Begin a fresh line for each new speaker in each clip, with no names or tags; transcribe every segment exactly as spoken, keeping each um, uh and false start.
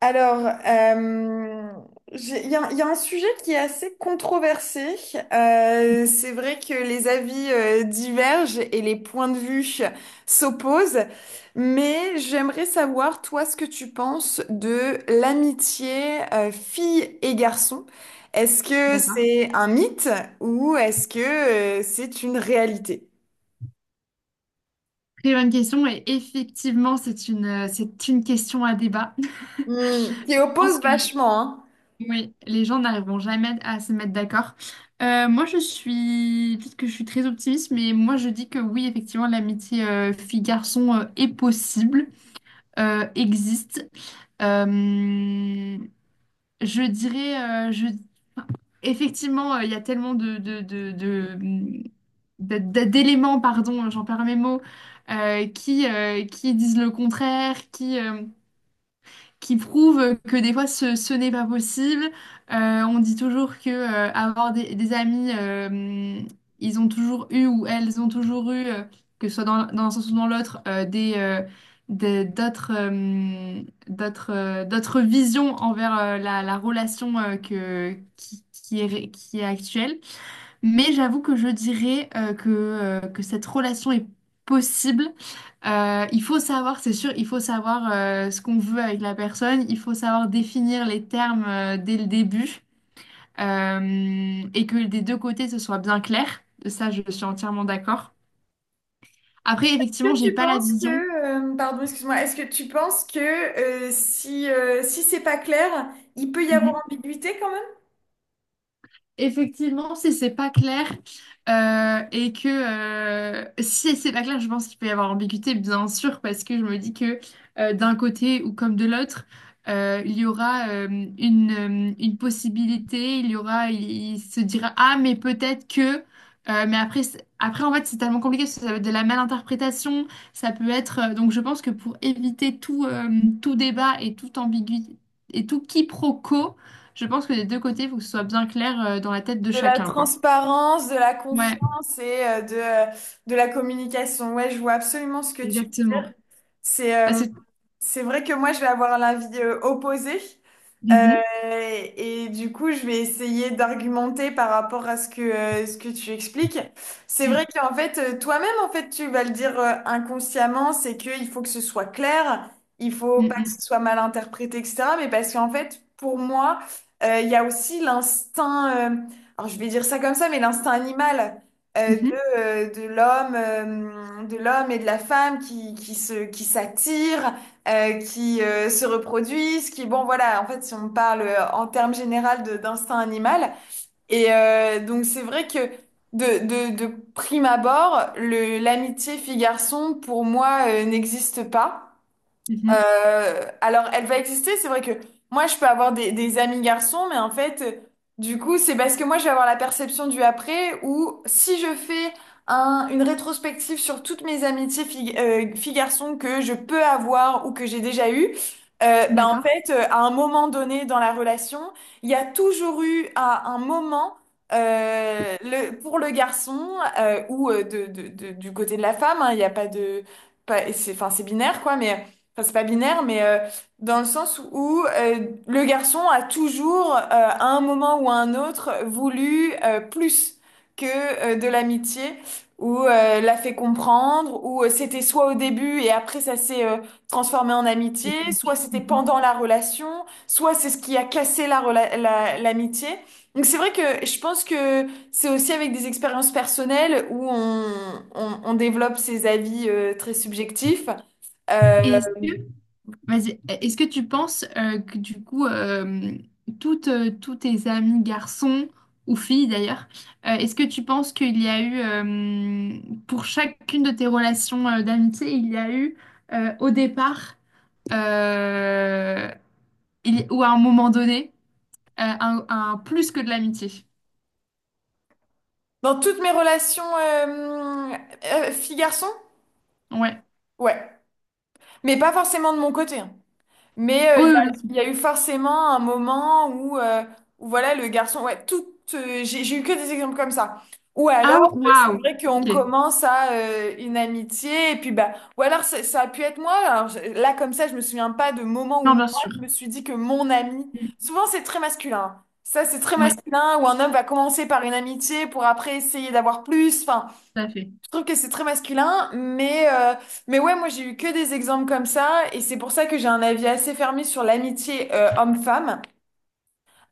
Alors, euh, j'ai- il y a, il y a un sujet qui est assez controversé. Euh, c'est vrai que les avis euh, divergent et les points de vue s'opposent, mais j'aimerais savoir, toi, ce que tu penses de l'amitié euh, fille et garçon. Est-ce que
D'accord.
c'est un mythe ou est-ce que euh, c'est une réalité?
Très bonne question. Et effectivement, c'est une, euh, c'est une question à débat. Je
Hmm, qui
pense
oppose
que
vachement, hein.
oui, les gens n'arriveront jamais à se mettre d'accord. Euh, moi, je suis, peut-être que je suis très optimiste, mais moi, je dis que oui, effectivement, l'amitié euh, fille-garçon euh, est possible, euh, existe. Euh, je dirais, euh, je effectivement, euh, il y a tellement de, de, de, de- de- de- d'éléments, pardon, j'en perds mes mots, euh, qui, euh, qui disent le contraire, qui, euh, qui prouvent que des fois ce, ce n'est pas possible. Euh, on dit toujours que euh, avoir des, des amis, euh, ils ont toujours eu ou elles ont toujours eu, euh, que ce soit dans, dans un sens ou dans l'autre, euh, des, euh, des- d'autres euh, d'autres euh, d'autres visions envers euh, la, la relation euh, que, qui, qui est, ré- qui est actuelle. Mais j'avoue que je dirais euh, que, euh, que cette relation est possible. Euh, il faut savoir, c'est sûr, il faut savoir euh, ce qu'on veut avec la personne, il faut savoir définir les termes euh, dès le début euh, et que des deux côtés ce soit bien clair. Ça, je suis entièrement d'accord. Après, effectivement,
que
j'ai
tu
pas la
penses
vision.
que, euh, Pardon, excuse-moi, est-ce que tu penses que euh, si, euh, si c'est pas clair, il peut y avoir
Mhm.
ambiguïté quand même?
Effectivement, si c'est pas clair euh, et que euh, si c'est pas clair, je pense qu'il peut y avoir ambiguïté, bien sûr, parce que je me dis que euh, d'un côté ou comme de l'autre, euh, il y aura euh, une, euh, une possibilité, il y aura, il, il se dira ah mais peut-être que, euh, mais après c'est- après en fait c'est tellement compliqué parce que ça va être de la malinterprétation, ça peut être euh, donc je pense que pour éviter tout euh, tout débat et toute ambiguïté et tout quiproquo, je pense que des deux côtés, il faut que ce soit bien clair euh, dans la tête de
De la
chacun, quoi.
transparence, de la
Ouais,
confiance et euh, de, euh, de la communication. Ouais, je vois absolument ce que tu veux
exactement.
dire. C'est
Parce
euh,
que...
c'est vrai que moi, je vais avoir l'avis euh, opposé. Euh,
Mhm,
et du coup, je vais essayer d'argumenter par rapport à ce que, euh, ce que tu expliques. C'est
mhm,
vrai qu'en fait, euh, toi-même, en fait, tu vas le dire euh, inconsciemment, c'est qu'il faut que ce soit clair, il faut pas que
mhm,
ce soit mal interprété, et cetera. Mais parce qu'en fait, pour moi, euh, il y a aussi l'instinct, euh, alors je vais dire ça comme ça, mais l'instinct animal euh, de,
mhm,
euh, de l'homme, euh, de l'homme et de la femme qui, qui se, qui s'attirent euh, qui euh, se reproduisent, qui, bon, voilà, en fait, si on parle euh, en termes généraux de- d'instinct animal. Et euh, donc, c'est vrai que de, de, de prime abord, le, l'amitié fille-garçon, pour moi, euh, n'existe pas.
mhm.
Euh, alors, elle va exister. C'est vrai que moi, je peux avoir des, des amis garçons, mais en fait, euh, du coup, c'est parce que moi, je vais avoir la perception du après où si je fais un, une rétrospective sur toutes mes amitiés filles, euh, filles-garçons que je peux avoir ou que j'ai déjà eues, euh, ben, en
D'accord.
fait, euh, à un moment donné dans la relation, il y a toujours eu à un moment euh, le, pour le garçon euh, ou euh, de, de- de- du côté de la femme, hein, il n'y a pas de... Pas, c'est, Enfin, c'est binaire, quoi, mais enfin c'est pas binaire, mais euh, dans le sens où euh, le garçon a toujours, euh, à un moment ou à un autre, voulu euh, plus que euh, de l'amitié, ou euh, l'a fait comprendre, ou euh, c'était soit au début et après ça s'est euh, transformé en amitié,
Et-
soit c'était
Mhm.
pendant la relation, soit c'est ce qui a cassé la rela- la- l'amitié. Donc c'est vrai que je pense que c'est aussi avec des expériences personnelles où on, on, on développe ses avis euh, très subjectifs. Euh,
Est-ce que, vas-y, est-ce que tu penses euh, que du coup, euh, toutes, euh, tous tes amis garçons ou filles d'ailleurs, euh, est-ce que tu penses qu'il y a eu, euh, pour chacune de tes relations euh, d'amitié, il y a eu euh, au départ, euh, il- ou à un moment donné, Euh, un, un plus que de l'amitié.
Dans toutes mes relations euh, euh, fille-garçon?
Ouais.
Ouais. Mais pas forcément de mon côté. hein. Mais euh,
Oui,
il y a,
oui, bien sûr.
il y a eu forcément un moment où, euh, où voilà, le garçon... Ouais, tout, euh, j'ai, j'ai eu que des exemples comme ça. Ou
Ah,
alors, euh, c'est
waouh.
vrai qu'on
Ok.
commence à euh, une amitié, et puis bah... Ou alors, ça, ça a pu être moi. Alors, je- là, comme ça, je me souviens pas de moment où
Non,
moi,
bien sûr.
je me suis dit que mon ami...
Mm.
Souvent, c'est très masculin. hein. Ça, c'est très
Oui,
masculin, où un homme va commencer par une amitié pour après essayer d'avoir plus. enfin,
tout à fait.
Je trouve que c'est très masculin, mais, euh, mais ouais, moi j'ai eu que des exemples comme ça, et c'est pour ça que j'ai un avis assez fermé sur l'amitié euh, homme-femme.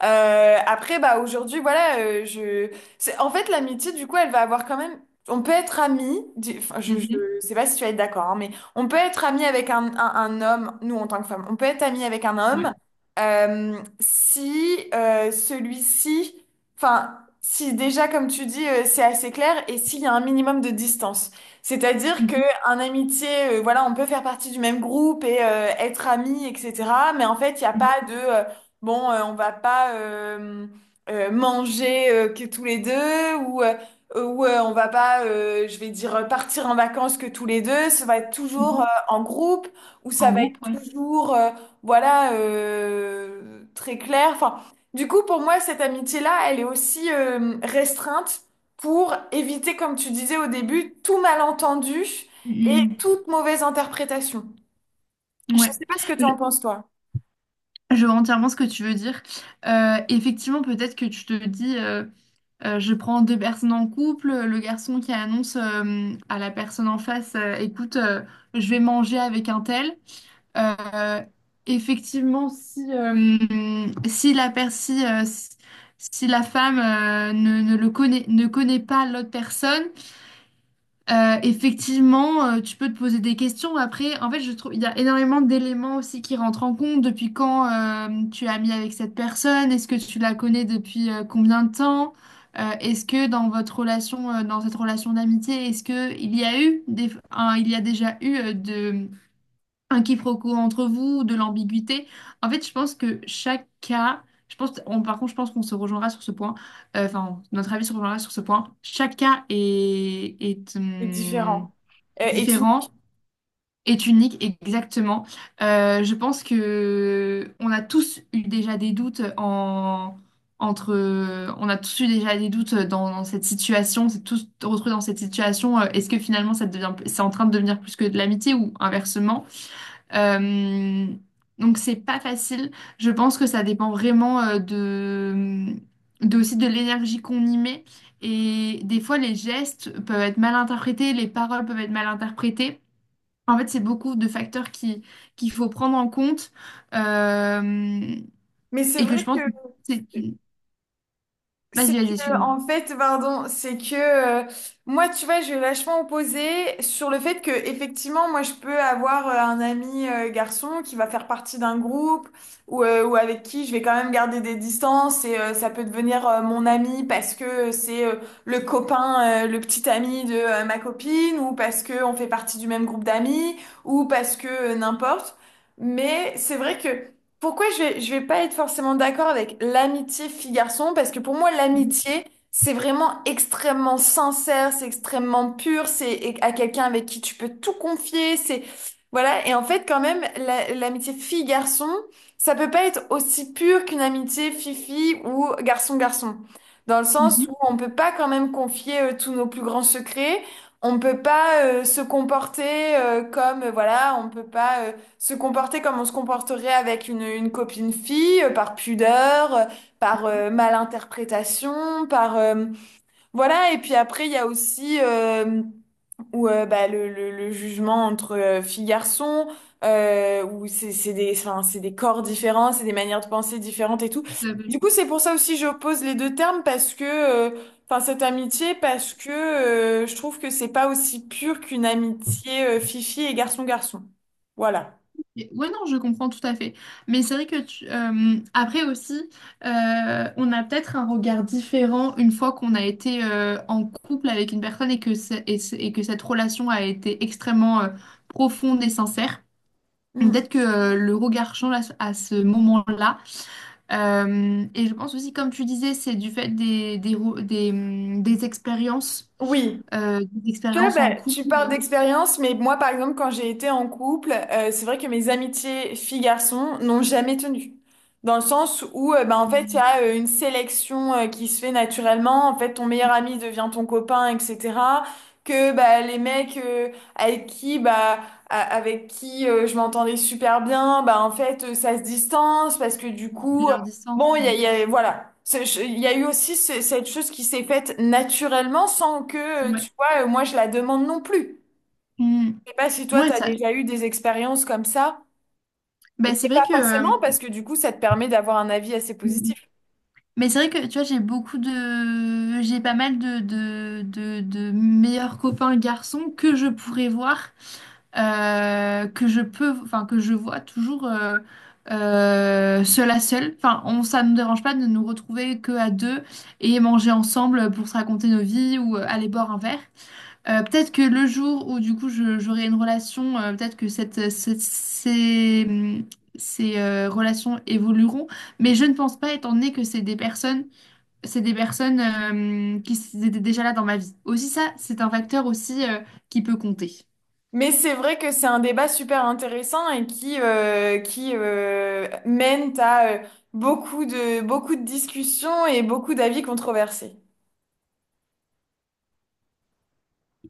Euh, après, bah aujourd'hui, voilà, euh, je. c'est- En fait, l'amitié, du coup, elle va avoir quand même. On peut être ami. di- Enfin, je,
Mhm.
je sais pas si tu vas être d'accord, hein, mais on peut être ami avec un, un, un homme. Nous, en tant que femme, on peut être ami avec un homme
Ouais.
euh, si euh, celui-ci, enfin, si déjà, comme tu dis, euh, c'est assez clair et s'il y a un minimum de distance. C'est-à-dire que
Mhm.
un amitié, euh, voilà, on peut faire partie du même groupe et euh, être amis, et cetera. Mais en fait, il n'y a
Mhm.
pas de euh, bon, euh, on va pas euh, euh, manger euh, que tous les deux ou, euh, ou euh, on va pas, euh, je vais dire, euh, partir en vacances que tous les deux. Ça va être toujours euh,
Mhm.
en groupe ou ça
En
va être
groupe, ouais.
toujours, euh, voilà, euh, très clair. Enfin, du coup, pour moi, cette amitié-là, elle est aussi euh, restreinte pour éviter, comme tu disais au début, tout malentendu et
Mm,
toute mauvaise interprétation.
mm.
Je
Ouais.
sais pas ce que tu en
Je,
penses, toi,
je vois entièrement ce que tu veux dire. Euh, effectivement, peut-être que tu te dis, euh, euh, je prends deux personnes en couple, le garçon qui annonce euh, à la personne en face, euh, écoute, euh, je vais manger avec un tel. Euh, effectivement, si, euh, si la, per- si, euh, si- si la femme euh, ne, ne le connaît, ne connaît pas l'autre personne, euh, effectivement, euh, tu peux te poser des questions. Après, en fait, je trouve il y a énormément d'éléments aussi qui rentrent en compte. Depuis quand euh, tu es amie avec cette personne? Est-ce que tu la connais depuis euh, combien de temps? Euh, est-ce que dans votre relation, euh, dans cette relation d'amitié, est-ce que il y a eu des, un- il y a déjà eu euh, de un quiproquo entre vous, de l'ambiguïté. En fait, je pense que chaque cas, je pense, on- par contre, je pense qu'on se rejoindra sur ce point. Euh, Enfin, notre avis se rejoindra sur ce point. Chaque cas est, est,
c'est
hum,
différent. Euh,
est
et tu
différent, est unique, exactement. Euh, je pense que on a tous eu déjà des doutes en entre, on a tous eu déjà des doutes dans, dans cette situation, c'est tous retrouvés dans cette situation. Euh, Est-ce que finalement, ça devient, c'est en train de devenir plus que de l'amitié ou inversement? Euh, donc c'est pas facile. Je pense que ça dépend vraiment euh, de, de aussi de l'énergie qu'on y met. Et des fois, les gestes peuvent être mal interprétés, les paroles peuvent être mal interprétées. En fait, c'est beaucoup de facteurs qui, qu'il faut prendre en compte. Euh,
Mais c'est
et que je
vrai que
pense que c'est...
c'est
Vas-y, vas-y,
que
excuse-moi.
en fait, pardon, c'est que euh, moi, tu vois, je vais vachement opposer sur le fait que effectivement, moi, je peux avoir euh, un ami euh, garçon qui va faire partie d'un groupe ou, euh, ou avec qui je vais quand même garder des distances et euh, ça peut devenir euh, mon ami parce que c'est euh, le copain, euh, le petit ami de euh, ma copine ou parce que on fait partie du même groupe d'amis ou parce que euh, n'importe. Mais c'est vrai que pourquoi je vais, je vais pas être forcément d'accord avec l'amitié fille-garçon? Parce que pour moi,
Mhm.
l'amitié, c'est vraiment extrêmement sincère, c'est extrêmement pur, c'est é- à quelqu'un avec qui tu peux tout confier, c'est, voilà. Et en fait, quand même, la- l'amitié fille-garçon, ça peut pas être aussi pur qu'une amitié fille-fille ou garçon-garçon. Dans le sens
Mhm,
où on peut pas quand même confier euh, tous nos plus grands secrets, on peut pas euh, se comporter euh, comme, euh, voilà, on peut pas euh, se comporter comme on se comporterait avec une, une copine fille, euh, par pudeur, euh, par euh, malinterprétation, par euh, voilà. Et puis après, il y a aussi euh, où, euh, bah, le, le, le jugement entre euh, filles garçons. Euh, où c'est c'est des enfin, c'est des corps différents, c'est des manières de penser différentes et tout.
tout à fait.
Du coup, c'est pour ça aussi que j'oppose les deux termes parce que euh, enfin cette amitié parce que euh, je trouve que c'est pas aussi pur qu'une amitié euh, fille-fille et garçon-garçon. Voilà.
Mais- Ouais, non, je comprends tout à fait. Mais c'est vrai que tu- euh, après aussi, euh, on a peut-être un regard différent une fois qu'on a été euh, en couple avec une personne et que, c'est- et, c'est- et que cette relation a été extrêmement euh, profonde et sincère.
Mm.
Peut-être que euh, le regard change à ce, à ce moment-là. Euh, et je pense aussi, comme tu disais, c'est du fait des, des, re- des, hum, des expériences,
Oui,
euh, des
tu
expériences en
bah,
couple,
tu parles
euh,
d'expérience, mais moi, par exemple, quand j'ai été en couple, euh, c'est vrai que mes amitiés filles-garçons n'ont jamais tenu. Dans le sens où, euh, bah, en fait, il y
hum,
a euh, une sélection euh, qui se fait naturellement. En fait, ton meilleur ami devient ton copain, et cetera. Que bah, les mecs euh, avec qui, bah, a- avec qui euh, je m'entendais super bien, bah, en fait, euh, ça se distance parce que du
et
coup,
leur distance.
Bon, il y a, il y a- voilà. C'est- je- Il y a eu aussi ce- cette chose qui s'est faite naturellement sans que, euh, tu
Ouais.
vois, euh, moi je la demande non plus.
Hum.
Je sais pas si toi,
Ouais,
tu as
ça,
déjà eu des expériences comme ça, euh,
bah, c'est
mais
vrai
pas
que, euh,
forcément parce que du coup, ça te permet d'avoir un avis assez positif.
mais c'est vrai que tu vois, j'ai beaucoup de, j'ai pas mal de, de, de, de meilleurs copains garçons que je pourrais voir, euh, que je peux, enfin, que je vois toujours euh, euh, seul à seul. Enfin, on, ça ne me dérange pas de nous retrouver que à deux et manger ensemble pour se raconter nos vies ou euh, aller boire un verre. Euh, peut-être que le jour où du coup je- j'aurai une relation, euh, peut-être que cette, cette- ces, hum, ces, euh, relations évolueront, mais je ne pense pas étant donné que c'est des personnes, c'est des personnes euh, qui s- étaient déjà là dans ma vie. Aussi ça, c'est un facteur aussi euh, qui peut compter.
Mais c'est vrai que c'est un débat super intéressant et qui, euh, qui euh, mène à euh, beaucoup de, beaucoup de discussions et beaucoup d'avis controversés.